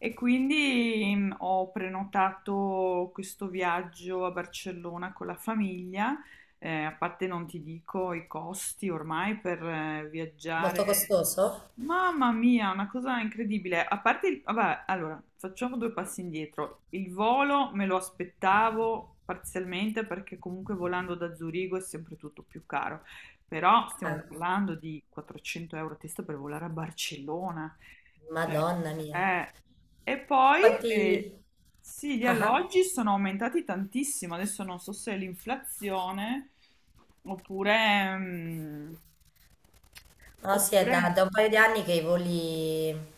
E quindi ho prenotato questo viaggio a Barcellona con la famiglia. A parte non ti dico i costi ormai per viaggiare. Molto costoso? Mamma mia, una cosa incredibile. A parte, vabbè, allora, facciamo due passi indietro. Il volo me lo aspettavo parzialmente perché comunque volando da Zurigo è sempre tutto più caro. Però stiamo Ah, parlando di 400 euro a testa per volare a Barcellona. Cioè, Madonna mia. eh, e poi Quanti... sì, gli Ah, ah. alloggi sono aumentati tantissimo. Adesso non so se è l'inflazione oppure, mm, No, sì, è oppure da un paio di anni che i voli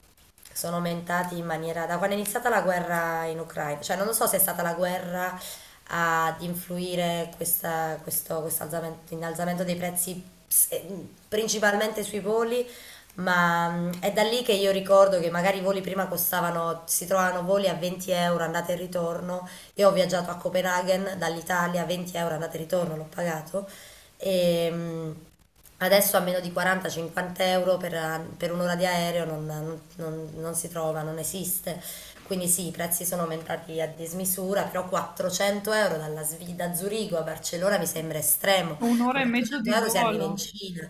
sono aumentati in maniera... Da quando è iniziata la guerra in Ucraina, cioè non lo so se è stata la guerra ad influire questo innalzamento dei prezzi principalmente sui voli, ma è da lì che io ricordo che magari i voli prima costavano, si trovavano voli a 20 euro andata e ritorno. Io ho viaggiato a Copenaghen dall'Italia, 20 euro andata e ritorno, l'ho pagato. E, mm, Adesso a meno di 40-50 euro per un'ora di aereo non si trova, non esiste. Quindi sì, i prezzi sono aumentati a dismisura, però 400 euro da Zurigo a Barcellona mi sembra estremo. un'ora Con e mezzo 400 di euro si arriva in volo. Cina.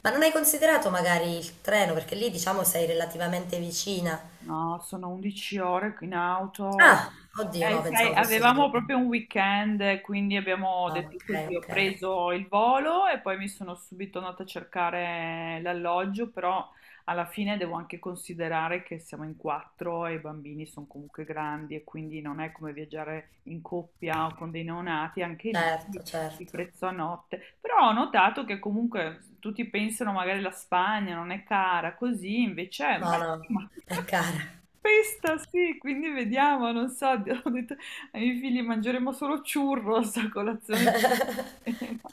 Ma non hai considerato magari il treno? Perché lì diciamo sei relativamente vicina. No, sono 11 ore in auto. Ah, oddio, no, Sai, pensavo fosse di... avevamo proprio un weekend, quindi abbiamo Ah, detto ok, così, ho ok. preso il volo e poi mi sono subito andata a cercare l'alloggio, però alla fine devo anche considerare che siamo in quattro e i bambini sono comunque grandi e quindi non è come viaggiare in coppia o con dei neonati, anche lì Certo, il certo. prezzo a notte, però ho notato che comunque tutti pensano magari la Spagna non è cara, così invece, è, beh, No, no, ma- è cara. questa sì, quindi vediamo, non so, ho detto ai miei figli mangeremo solo churros a colazione.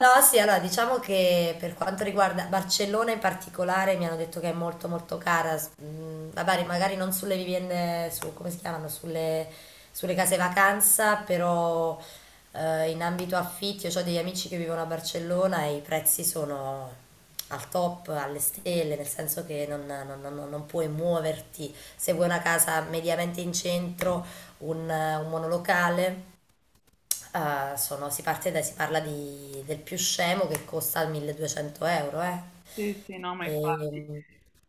No, sì, allora diciamo che per quanto riguarda Barcellona in particolare mi hanno detto che è molto molto cara, vabbè, magari non sulle vivende, su, come si chiamano, sulle, sulle case vacanza, però in ambito affitti, io ho degli amici che vivono a Barcellona e i prezzi sono al top, alle stelle, nel senso che non puoi muoverti se vuoi una casa mediamente in centro, un monolocale. Sono, si parte da, si parla di, del più scemo che costa 1200 euro, eh. Sì, sì, no, ma infatti. E,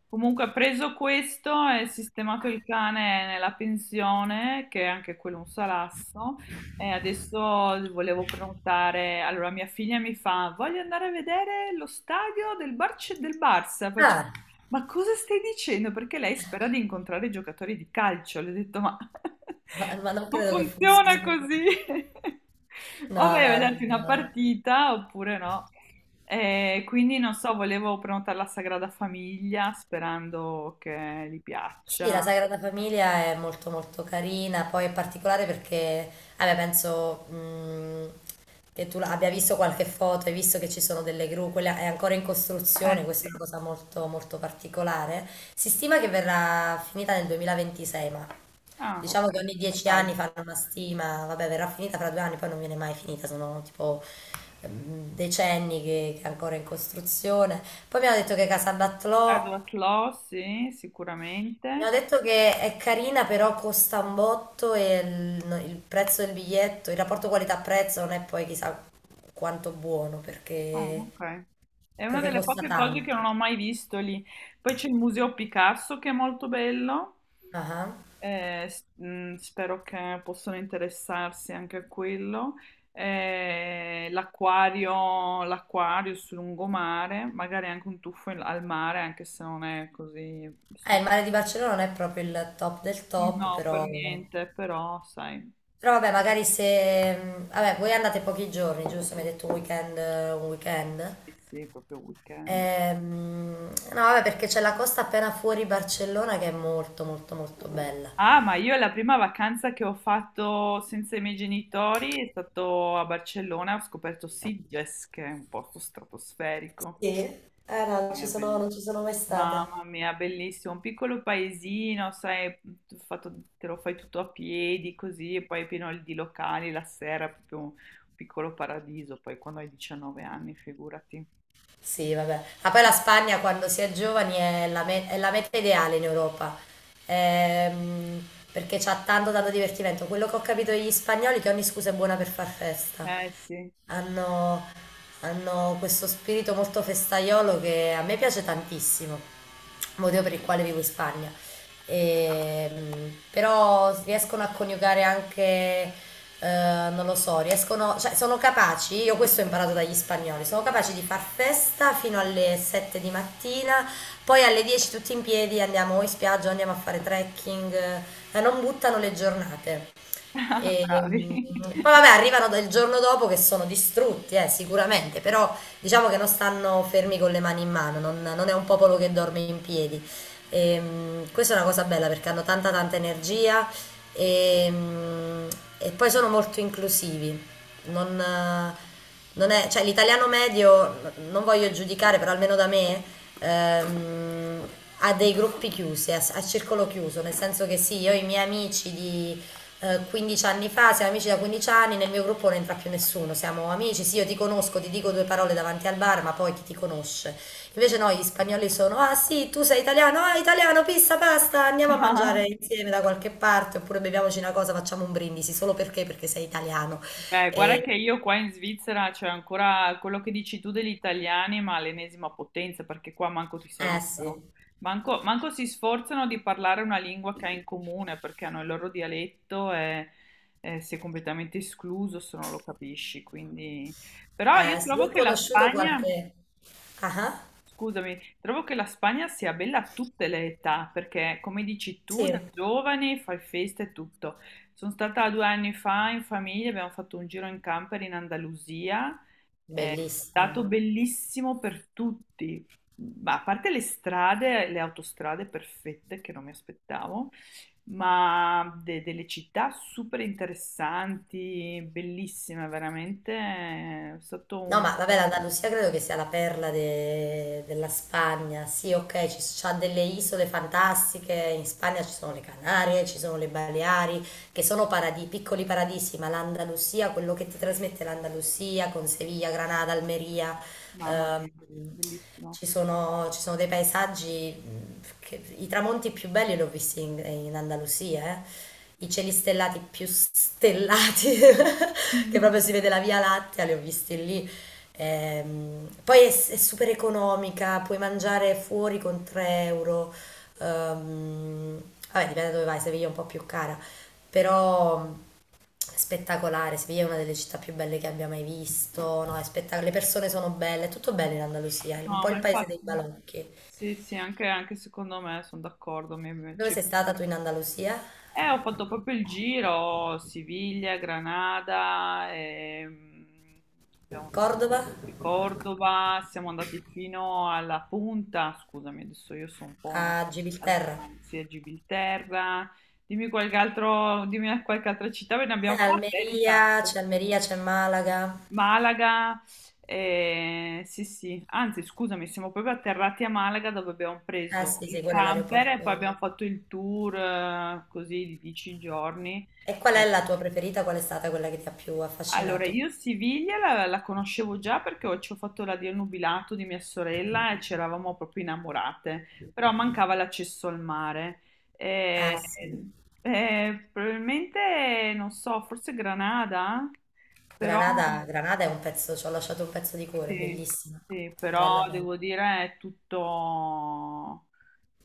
Comunque, ha preso questo e sistemato il cane nella pensione, che è anche quello è un salasso. E adesso volevo prenotare. Allora, mia figlia mi fa: Voglio andare a vedere lo stadio del Barça. Faccio, ah, ma cosa stai dicendo? Perché lei spera di incontrare i giocatori di calcio. Le ho detto: Ma ma non non credo che funziona funzioni così. così. No, O vai a no, vederti no, una no. partita oppure no. E quindi non so, volevo prenotare la Sagrada Famiglia sperando che gli Sì, la piaccia. Sagrada Famiglia è molto molto carina, poi è particolare perché, vabbè, penso che abbia visto qualche foto, hai visto che ci sono delle gru, quella è ancora in costruzione, Eh questa è una sì, cosa molto molto particolare. Si stima che verrà finita nel 2026, ma... ah, ok, Diciamo che ogni dieci calma. anni fanno una stima, vabbè, verrà finita fra 2 anni, poi non viene mai finita, sono tipo decenni che è ancora in costruzione. Poi mi hanno detto che Casalbattlò, Edward Law, sì, mi hanno sicuramente. detto che è carina, però costa un botto e il, no, il prezzo del biglietto, il rapporto qualità-prezzo non è poi chissà quanto buono perché, Oh, ok. È una perché delle costa poche cose che tanto. non ho mai visto lì. Poi c'è il Museo Picasso che è molto bello. Ah ah. Spero che possano interessarsi anche a quello. L'acquario, l'acquario sul lungomare, magari anche un tuffo al mare, anche se non è così Il stupendo. mare di Barcellona non è proprio il top del top, No, per però... niente, però sai, Però vabbè, magari se... Vabbè, voi andate pochi giorni, giusto? Mi hai detto un weekend, un weekend. sì, sì, proprio weekend. No, vabbè, perché c'è la costa appena fuori Barcellona che è molto, molto, molto bella. Ah, ma io la prima vacanza che ho fatto senza i miei genitori è stato a Barcellona, ho scoperto Sitges, che è un posto stratosferico. Sì? Eh no, Eh, be- non ci sono mai stata. Mamma mia, bellissimo, un piccolo paesino, sai, te lo fai tutto a piedi così, e poi pieno di locali la sera, proprio un piccolo paradiso, poi quando hai 19 anni, figurati. Sì, vabbè. Ma poi la Spagna quando si è giovani è è la meta ideale in Europa. Ehm, Perché c'ha tanto, tanto divertimento. Quello che ho capito degli spagnoli è che ogni scusa è buona per far festa. Eh sì, Hanno, hanno questo spirito molto festaiolo che a me piace tantissimo, motivo per il quale vivo in Spagna. Però riescono a coniugare anche, non lo so, riescono, cioè sono capaci, io questo ho imparato dagli spagnoli, sono capaci di far festa fino alle 7 di mattina, poi alle 10 tutti in piedi andiamo o in spiaggia o andiamo a fare trekking, ma non buttano le giornate. E, bravi. mm, Poi vabbè, arrivano del giorno dopo che sono distrutti, sicuramente, però diciamo che non stanno fermi con le mani in mano, non è un popolo che dorme in piedi. Questa è una cosa bella perché hanno tanta tanta energia e, mm, e poi sono molto inclusivi. Non, eh, Non è, cioè, l'italiano medio, non voglio giudicare, però almeno da me, ehm, ha dei gruppi chiusi, a circolo chiuso, nel senso che sì, io ho i miei amici di... 15 anni fa, siamo amici da 15 anni, nel mio gruppo non entra più nessuno, siamo amici, sì io ti conosco, ti dico due parole davanti al bar, ma poi chi ti conosce? Invece no, gli spagnoli sono, ah sì, tu sei italiano, ah italiano, pizza, pasta, andiamo a mangiare insieme da qualche parte, oppure beviamoci una cosa, facciamo un brindisi, solo perché? Perché sei italiano. Beh, guarda E- che io qua in Svizzera c'è ancora quello che dici tu degli italiani, ma l'ennesima potenza, perché qua manco ti eh sì, salutano, manco si sforzano di parlare una lingua che hai in comune, perché hanno il loro dialetto e sei completamente escluso se non lo capisci. Quindi... Però io eh sì, io trovo ho che la conosciuto Spagna... qualche... Ah, ah, Scusami, trovo che la Spagna sia bella a tutte le età, perché come dici tu, sì, da giovani fai festa e tutto. Sono stata 2 anni fa in famiglia, abbiamo fatto un giro in camper in Andalusia, è bellissimo. stato bellissimo per tutti, ma a parte le strade, le autostrade perfette che non mi aspettavo, ma delle città super interessanti, bellissime veramente, è stato No, un... ma vabbè, l'Andalusia credo che sia la perla della Spagna. Sì, ok, c'ha delle isole fantastiche. In Spagna ci sono le Canarie, ci sono le Baleari, che sono paradisi, piccoli paradisi, ma l'Andalusia, quello che ti trasmette l'Andalusia con Siviglia, Granada, Almeria... Mamma Ehm, mia, bellissimo. Ci sono, ci sono dei paesaggi, i tramonti più belli li ho visti in, in Andalusia, eh. I cieli stellati più stellati, che proprio si vede la Via Lattea, li ho visti lì. Poi è super economica, puoi mangiare fuori con 3 euro. Ehm, Vabbè, dipende da dove vai, Seviglia è un po' più cara, però spettacolare. Siviglia è una delle città più belle che abbia mai visto, no, è le persone sono belle, è tutto bello in Andalusia, è un No, po' ma il paese dei infatti, balocchi. sì, sì, anche, anche secondo me sono d'accordo. Dove sei stata tu in Andalusia? Ho fatto proprio il giro, Siviglia, Granada, abbiamo visto Cordova? Cordova, siamo andati fino alla punta, scusami, adesso io sono un po' A al Gibilterra? sì, a Gibilterra, dimmi qualche altro, dimmi qualche altra città, ve ne abbiamo fatte di tappe. Almeria, c'è Malaga. Malaga, sì, sì, anzi, scusami, siamo proprio atterrati a Malaga dove abbiamo Ah preso sì, sì, il quello è camper e poi l'aeroporto. abbiamo fatto il tour così di 10 giorni. E qual è Eh, la tua preferita? Qual è stata quella che ti ha più allora, affascinato? io Siviglia la conoscevo già perché ci ho fatto la Dio nubilato di mia sorella e ci eravamo proprio innamorate, però mancava l'accesso al mare. Ah Eh, sì, probabilmente, non so, forse Granada, però. Granada, Granada è un pezzo, ci ho lasciato un pezzo di cuore, è Sì, bellissima, sì, bella però bella. devo dire è tutto,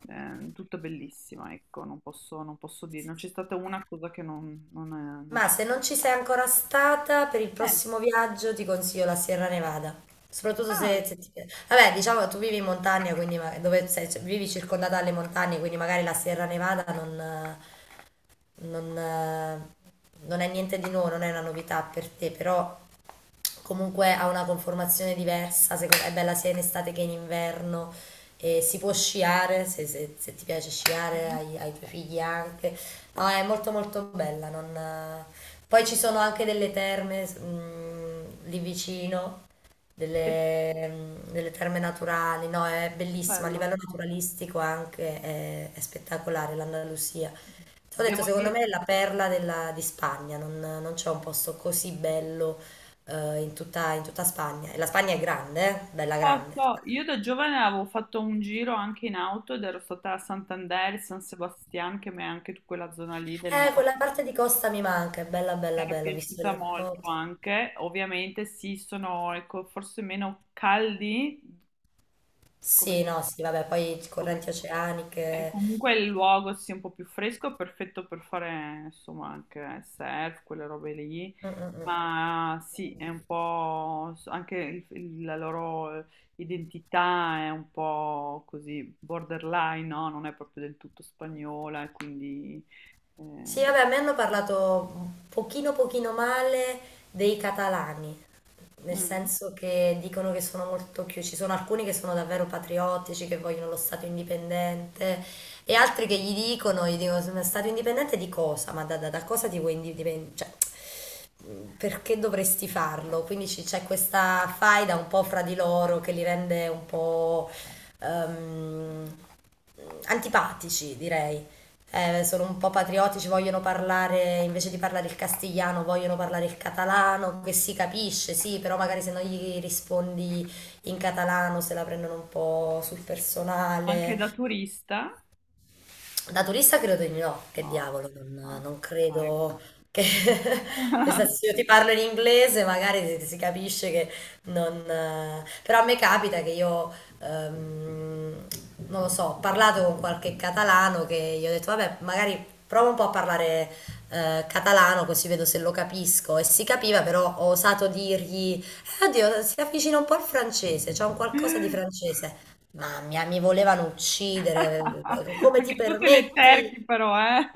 tutto bellissimo, ecco, non posso, non posso dire, non c'è stata una cosa che non Ma c'è. se non ci sei ancora stata, per il Eh, prossimo viaggio ti consiglio la Sierra Nevada. Soprattutto se, ah, se ti piace. Vabbè, diciamo che tu vivi in montagna, quindi cioè, vivi circondata dalle montagne, quindi magari la Sierra Nevada non, eh, non è niente di nuovo, non è una novità per te, però comunque ha una conformazione diversa, è bella sia in estate che in inverno. E si può sciare, se ti piace sì, sciare, ai tuoi figli anche. No, è molto molto bella. Poi ci sono anche delle terme lì vicino, è delle, delle terme naturali, no, è bellissima, a bello. livello naturalistico anche è spettacolare l'Andalusia. Ti ho detto, Devo secondo me dire, è la perla di Spagna, non, non c'è un posto così bello in tutta Spagna. E la Spagna è grande, bella so, grande. so, io da giovane avevo fatto un giro anche in auto ed ero stata a Santander, San Sebastian, che mi è anche quella zona lì del nord. Quella parte di costa mi manca, è bella Mi bella era bella, ho visto piaciuta delle molto foto. anche, ovviamente sì, sono ecco, forse meno caldi come, Sì, no, sì, vabbè, poi come- correnti e oceaniche. comunque il luogo sia un po' più fresco è perfetto per fare insomma anche surf, quelle robe lì, Mm, mm, mm. ma sì, è un po' anche la loro identità è un po' così borderline, no? Non è proprio del tutto spagnola, e quindi eh, Sì, vabbè, a me hanno parlato un pochino pochino male dei catalani, nel mm. senso che dicono che sono molto chiusi, ci sono alcuni che sono davvero patriottici, che vogliono lo Stato indipendente e altri che gli dicono, gli dicono: "Ma Stato indipendente di cosa? Ma da cosa ti vuoi indipendere? Cioè, perché dovresti farlo?" Quindi c'è questa faida un po' fra di loro che li rende un po' ehm, antipatici, direi. Sono un po' patriottici, vogliono parlare, invece di parlare il castigliano, vogliono parlare il catalano, che si capisce, sì, però magari se non gli rispondi in catalano se la prendono un po' sul Anche da personale. turista, Da turista credo di no, che no, diavolo, non, ah, non sì, dai. credo che... nel senso, se io ti parlo in inglese magari si, si capisce che non... però a me capita che io, ehm, non lo so, ho parlato con qualche catalano che gli ho detto, vabbè, magari provo un po' a parlare catalano così vedo se lo capisco. E si capiva, però ho osato dirgli, oddio, si avvicina un po' al francese, c'è un qualcosa di francese. Mamma mia, mi volevano uccidere. Come ti Anche tu te le cerchi permetti? però, eh?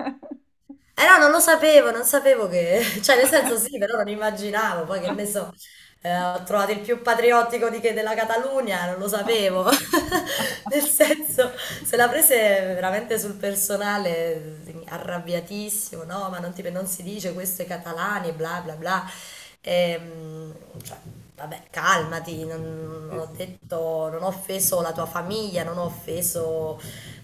Eh no, non lo sapevo, non sapevo che... Cioè, nel senso sì, però non immaginavo. Poi che ne so, ho trovato il più patriottico di che della Catalunya, non lo sapevo. Nel senso, se la prese veramente sul personale, arrabbiatissimo, no, ma non, non si dice questo ai catalani, bla bla bla. Ehm, cioè, vabbè, calmati, non Sì, ho sì. detto, non ho offeso la tua famiglia, non ho offeso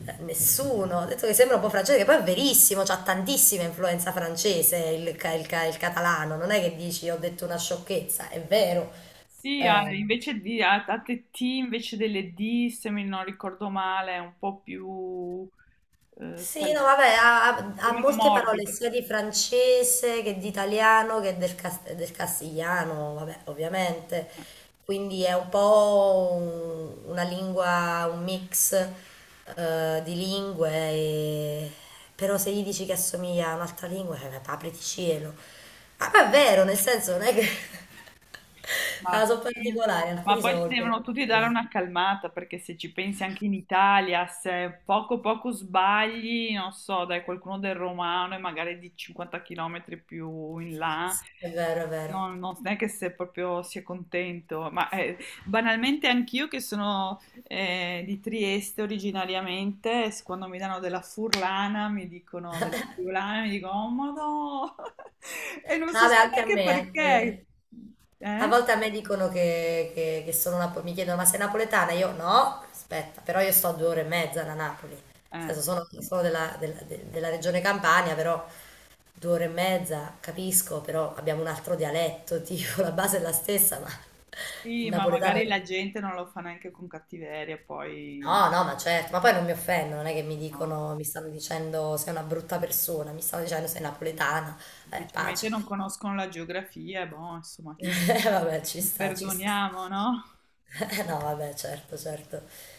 nessuno. Ho detto che sembra un po' francese, che poi è verissimo, c'ha tantissima influenza francese il catalano. Non è che dici ho detto una sciocchezza, è vero. Sì, Eh, invece di T invece delle D, se mi non ricordo male, è un po' più Sì, no, un vabbè, po' ha meno molte parole morbido. sia di francese che di italiano che del castigliano, vabbè, ovviamente. Eh, Quindi è un po' una lingua, un mix di lingue, però se gli dici che assomiglia a un'altra lingua, apriti cielo. Ah, ma è vero, nel senso non è che... Ma, Ah, sono sì. particolari, Ma alcuni poi sono si molto devono tutti dare particolari. una calmata, perché se ci pensi anche in Italia, se poco poco sbagli, non so, dai qualcuno del romano e magari di 50 km più in là. Sì, è vero, è vero. No, no, no, non è che se proprio si è contento, ma banalmente anch'io che sono di Trieste originariamente, quando mi danno della furlana, mi dicono della friulana, mi dicono, oh ma no, e non No, si vabbè, sa anche a neanche me, anche... perché. A Eh? volte a me dicono che sono napoletana, mi chiedono: ma sei napoletana? Io no, aspetta, però io sto a 2 ore e mezza da Napoli, nel Eh, senso sono, sì, sono della regione Campania, però 2 ore e mezza capisco, però abbiamo un altro dialetto, tipo la base è la stessa, ma il sì, ma napoletano... magari la gente non lo fa neanche con cattiveria, No, poi no, ma certo, ma poi non mi offendo, non è che mi no, dicono, mi stanno dicendo sei una brutta persona, mi stanno dicendo sei napoletana, semplicemente pace. non conoscono la geografia, boh, insomma, li, Vabbè, ci li sta, ci sta. perdoniamo, no? No, vabbè, certo, certo.